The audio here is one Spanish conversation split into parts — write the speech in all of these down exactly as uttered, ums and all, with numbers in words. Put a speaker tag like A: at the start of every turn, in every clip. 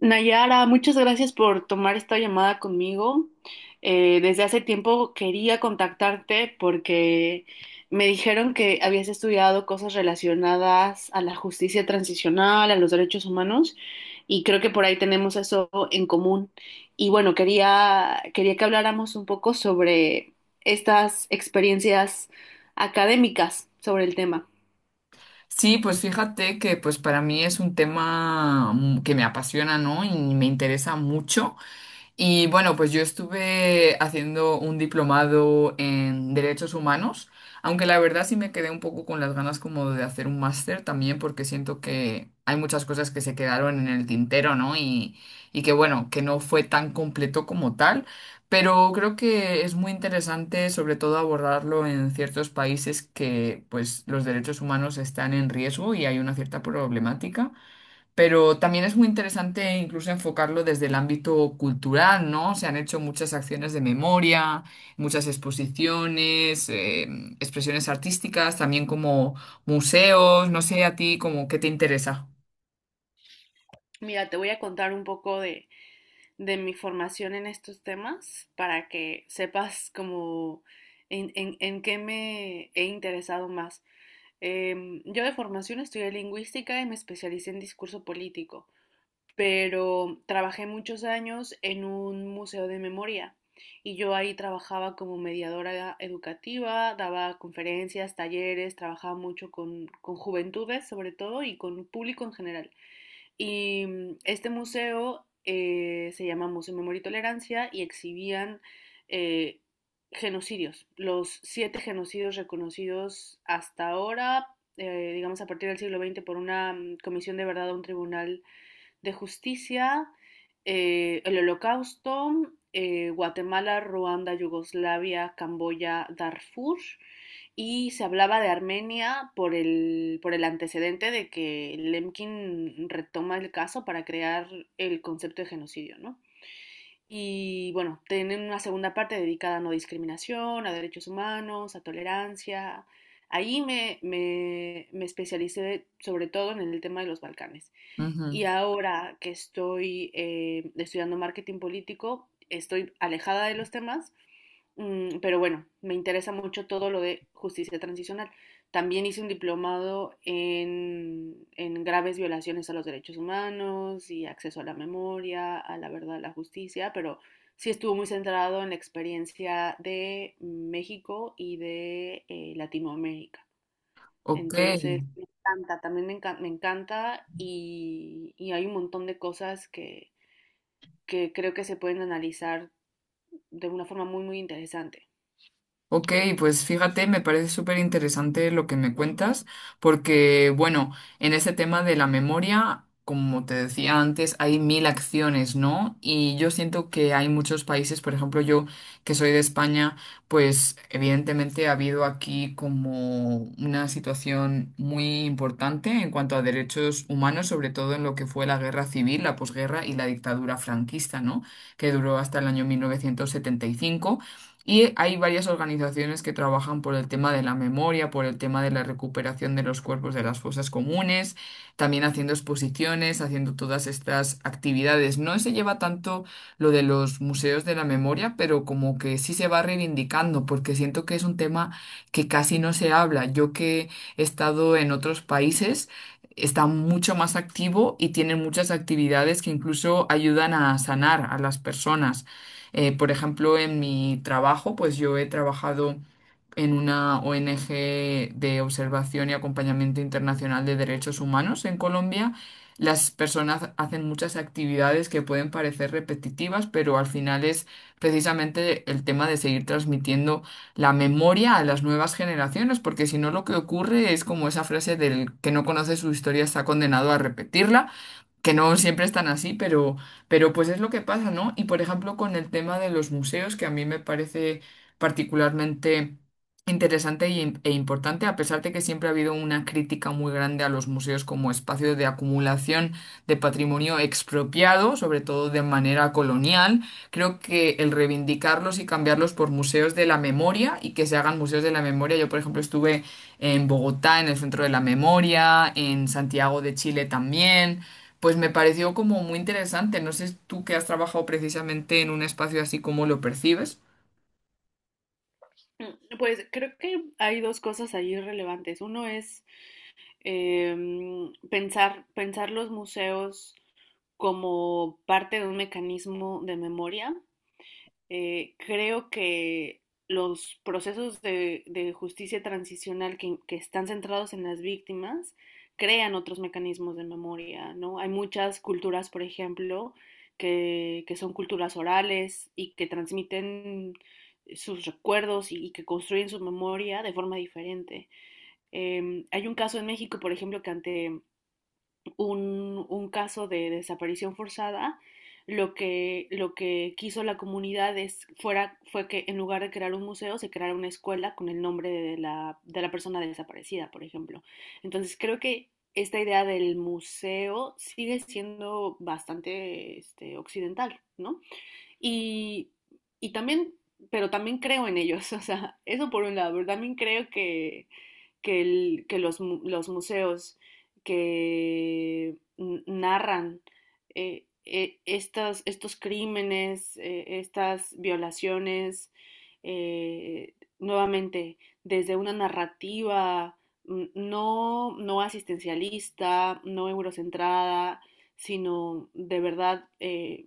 A: Nayara, muchas gracias por tomar esta llamada conmigo. Eh, desde hace tiempo quería contactarte porque me dijeron que habías estudiado cosas relacionadas a la justicia transicional, a los derechos humanos, y creo que por ahí tenemos eso en común. Y bueno, quería, quería que habláramos un poco sobre estas experiencias académicas sobre el tema.
B: Sí, pues fíjate que pues para mí es un tema mm, que me apasiona, ¿no? Y me interesa mucho. Y bueno, pues yo estuve haciendo un diplomado en derechos humanos, aunque la verdad sí me quedé un poco con las ganas como de hacer un máster también, porque siento que hay muchas cosas que se quedaron en el tintero, ¿no? Y, y que bueno, que no fue tan completo como tal, pero creo que es muy interesante sobre todo abordarlo en ciertos países que pues los derechos humanos están en riesgo y hay una cierta problemática. Pero también es muy interesante incluso enfocarlo desde el ámbito cultural, ¿no? Se han hecho muchas acciones de memoria, muchas exposiciones, eh, expresiones artísticas, también como museos, no sé a ti como qué te interesa.
A: Mira, te voy a contar un poco de de mi formación en estos temas para que sepas como en, en, en qué me he interesado más. Eh, yo de formación estudié lingüística y me especialicé en discurso político, pero trabajé muchos años en un museo de memoria y yo ahí trabajaba como mediadora educativa, daba conferencias, talleres, trabajaba mucho con, con juventudes sobre todo y con público en general. Y mm, este museo eh, se llama Museo Memoria y Tolerancia y exhibían eh, genocidios, los siete genocidios reconocidos hasta ahora, eh, digamos a partir del siglo veinte, por una mm, comisión de verdad a un tribunal de Justicia, eh, el Holocausto, eh, Guatemala, Ruanda, Yugoslavia, Camboya, Darfur, y se hablaba de Armenia por el, por el antecedente de que Lemkin retoma el caso para crear el concepto de genocidio, ¿no? Y bueno, tienen una segunda parte dedicada a no discriminación, a derechos humanos, a tolerancia. Ahí me, me, me especialicé sobre todo en el tema de los Balcanes. Y
B: Ujú.
A: ahora que estoy eh, estudiando marketing político, estoy alejada de los temas, mm, pero bueno, me interesa mucho todo lo de justicia transicional. También hice un diplomado en, en graves violaciones a los derechos humanos y acceso a la memoria, a la verdad, a la justicia, pero sí estuvo muy centrado en la experiencia de México y de eh, Latinoamérica.
B: Ok.
A: Entonces, me encanta, también me encanta, me encanta y, y hay un montón de cosas que, que creo que se pueden analizar de una forma muy, muy interesante.
B: Ok, pues fíjate, me parece súper interesante lo que me cuentas, porque bueno, en ese tema de la memoria, como te decía antes, hay mil acciones, ¿no? Y yo siento que hay muchos países, por ejemplo, yo que soy de España, pues evidentemente ha habido aquí como una situación muy importante en cuanto a derechos humanos, sobre todo en lo que fue la guerra civil, la posguerra y la dictadura franquista, ¿no? Que duró hasta el año mil novecientos setenta y cinco. Y hay varias organizaciones que trabajan por el tema de la memoria, por el tema de la recuperación de los cuerpos de las fosas comunes, también haciendo exposiciones, haciendo todas estas actividades. No se lleva tanto lo de los museos de la memoria, pero como que sí se va reivindicando, porque siento que es un tema que casi no se habla. Yo que he estado en otros países, está mucho más activo y tiene muchas actividades que incluso ayudan a sanar a las personas. Eh, por ejemplo, en mi trabajo, pues yo he trabajado en una O N G de observación y acompañamiento internacional de derechos humanos en Colombia. Las personas hacen muchas actividades que pueden parecer repetitivas, pero al final es precisamente el tema de seguir transmitiendo la memoria a las nuevas generaciones, porque si no lo que ocurre es como esa frase del que no conoce su historia está condenado a repetirla, que no siempre están así, pero, pero pues es lo que pasa, ¿no? Y por ejemplo, con el tema de los museos, que a mí me parece particularmente interesante y im- e importante, a pesar de que siempre ha habido una crítica muy grande a los museos como espacios de acumulación de patrimonio expropiado, sobre todo de manera colonial, creo que el reivindicarlos y cambiarlos por museos de la memoria y que se hagan museos de la memoria, yo por ejemplo estuve en Bogotá, en el Centro de la Memoria, en Santiago de Chile también. Pues me pareció como muy interesante. No sé tú que has trabajado precisamente en un espacio así, ¿cómo lo percibes?
A: Mm, pues creo que hay dos cosas ahí relevantes. Uno es em, pensar, pensar los museos como parte de un mecanismo de memoria. Eh, creo que los procesos de, de justicia transicional que, que están centrados en las víctimas crean otros mecanismos de memoria, ¿no? Hay muchas culturas, por ejemplo, que, que son culturas orales y que transmiten sus recuerdos y, y que construyen su memoria de forma diferente. Em, hay un caso en México, por ejemplo, que ante un, un caso de desaparición forzada, lo que, lo que quiso la comunidad es, fuera, fue que en lugar de crear un museo, se creara una escuela con el nombre de la, de la persona desaparecida, por ejemplo. Entonces creo que esta idea del museo sigue siendo bastante este, occidental, ¿no? Y, y también, pero también creo en ellos, o sea, eso por un lado, pero también creo que, que, el, que los, los, museos que narran eh, eh, estos, estos, crímenes, eh, estas violaciones, eh, nuevamente desde una narrativa no, no asistencialista, no eurocentrada, sino de verdad eh,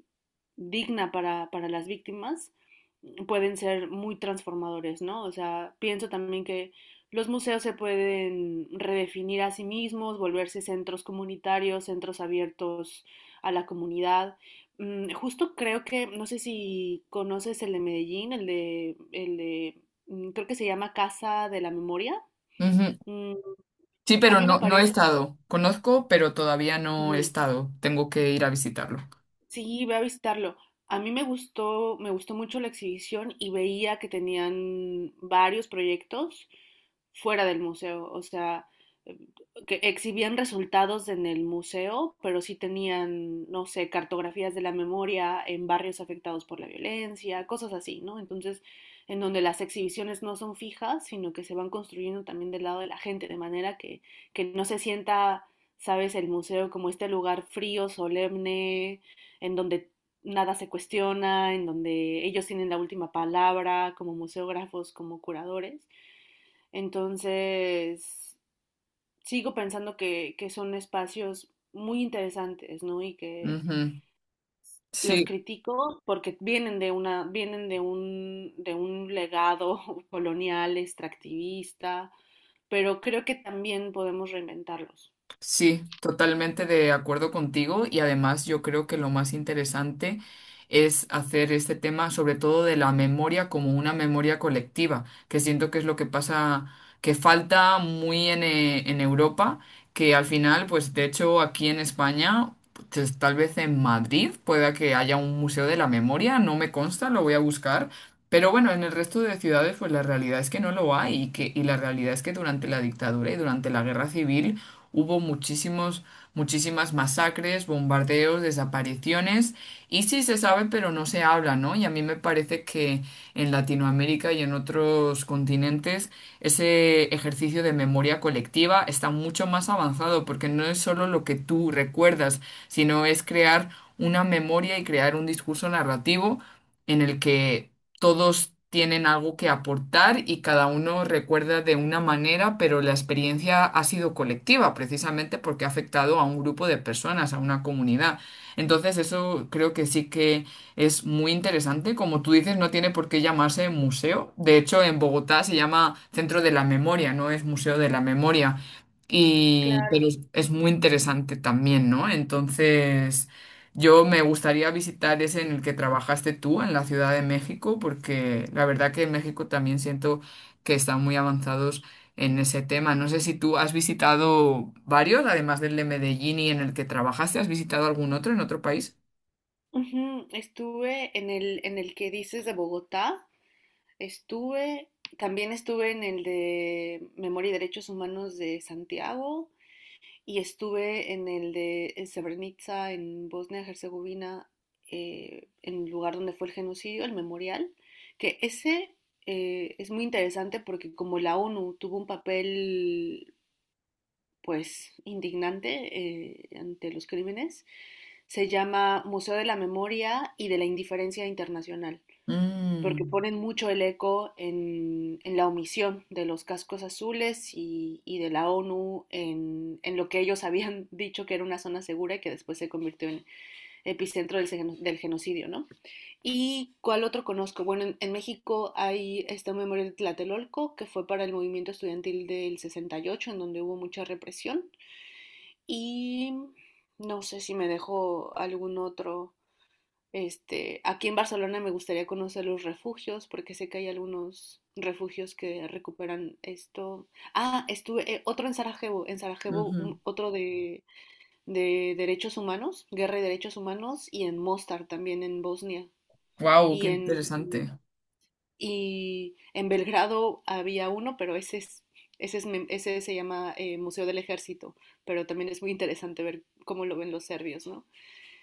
A: digna para, para las víctimas, pueden ser muy transformadores, ¿no? O sea, pienso también que los museos se pueden redefinir a sí mismos, volverse centros comunitarios, centros abiertos a la comunidad. Mm, justo creo que, no sé si conoces el de Medellín, el de, el de mm, creo que se llama Casa de la Memoria.
B: Ujú.
A: Mm,
B: Sí,
A: a
B: pero
A: mí me
B: no, no he
A: parece,
B: estado. Conozco, pero todavía no he estado. Tengo que ir a visitarlo.
A: sí, voy a visitarlo. A mí me gustó, me gustó mucho la exhibición y veía que tenían varios proyectos fuera del museo, o sea, eh, que exhibían resultados en el museo, pero sí tenían, no sé, cartografías de la memoria en barrios afectados por la violencia, cosas así, ¿no? Entonces, en donde las exhibiciones no son fijas, sino que se van construyendo también del lado de la gente, de manera que, que no se sienta, sabes, el museo como este lugar frío, solemne en donde nada se cuestiona, en donde ellos tienen la última palabra como museógrafos, como curadores. Entonces, sigo pensando que, que son espacios muy interesantes, ¿no? Y que
B: Ujú.
A: los
B: Sí.
A: critico porque vienen de una, vienen de un, de un legado colonial, extractivista, pero creo que también podemos reinventarlos.
B: Sí, totalmente de acuerdo contigo y además yo creo que lo más interesante es hacer este tema sobre todo de la memoria como una memoria colectiva, que siento que es lo que pasa, que falta muy en, eh, en Europa, que al final, pues de hecho aquí en España, pues, tal vez en Madrid pueda que haya un museo de la memoria, no me consta, lo voy a buscar. Pero bueno, en el resto de ciudades, pues la realidad es que no lo hay y que, y la realidad es que durante la dictadura y durante la guerra civil hubo muchísimos, muchísimas masacres, bombardeos, desapariciones, y sí se sabe, pero no se habla, ¿no? Y a mí me parece que en Latinoamérica y en otros continentes ese ejercicio de memoria colectiva está mucho más avanzado, porque no es solo lo que tú recuerdas, sino es crear una memoria y crear un discurso narrativo en el que todos tienen algo que aportar y cada uno recuerda de una manera, pero la experiencia ha sido colectiva, precisamente porque ha afectado a un grupo de personas, a una comunidad. Entonces, eso creo que sí que es muy interesante. Como tú dices, no tiene por qué llamarse museo. De hecho, en Bogotá se llama Centro de la Memoria, no es Museo de la Memoria. Y, pero
A: Claro.
B: es es muy interesante también, ¿no? Entonces... Yo me gustaría visitar ese en el que trabajaste tú, en la Ciudad de México, porque la verdad que en México también siento que están muy avanzados en ese tema. No sé si tú has visitado varios, además del de Medellín y en el que trabajaste, ¿has visitado algún otro en otro país?
A: Ujú, estuve en el, en el que dices de Bogotá, estuve, también estuve en el de Memoria y Derechos Humanos de Santiago y estuve en el de en Srebrenica, en Bosnia y Herzegovina, eh, en el lugar donde fue el genocidio, el memorial, que ese eh, es muy interesante porque como la O N U tuvo un papel pues indignante eh, ante los crímenes, se llama Museo de la Memoria y de la Indiferencia Internacional, porque
B: Mm,
A: ponen mucho el eco en, en la omisión de los cascos azules y, y de la O N U en, en lo que ellos habían dicho que era una zona segura y que después se convirtió en epicentro del, del genocidio, ¿no? ¿Y cuál otro conozco? Bueno, en, en México hay este memorial de Tlatelolco, que fue para el movimiento estudiantil del sesenta y ocho, en donde hubo mucha represión, y no sé si me dejo algún otro, este, aquí en Barcelona me gustaría conocer los refugios, porque sé que hay algunos refugios que recuperan esto. Ah, estuve eh, otro en Sarajevo, en Sarajevo
B: ujú.
A: un- otro de, de derechos humanos, guerra y derechos humanos, y en Mostar también en Bosnia. Y
B: ¿Qué
A: en,
B: interesante?
A: y en Belgrado había uno, pero ese es, ese es mem- ese se llama eh, Museo del Ejército, pero también es muy interesante ver cómo lo ven los serbios, ¿no?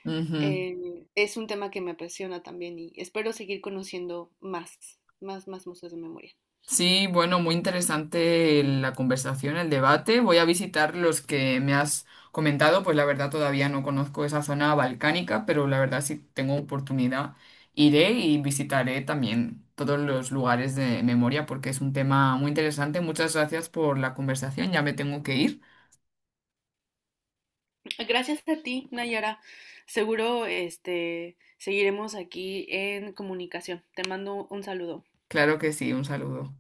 B: Ujú.
A: Eh, es un tema que me apasiona también y espero seguir conociendo más, más, más museos de memoria.
B: Sí, bueno, muy interesante la conversación, el debate. Voy a visitar los que me has comentado, pues la verdad todavía no conozco esa zona balcánica, pero la verdad si tengo oportunidad iré y visitaré también todos los lugares de memoria porque es un tema muy interesante. Muchas gracias por la conversación, ya me tengo que ir.
A: Gracias a ti, Nayara. Seguro, este, seguiremos aquí en comunicación. Te mando un saludo.
B: Claro que sí, un saludo.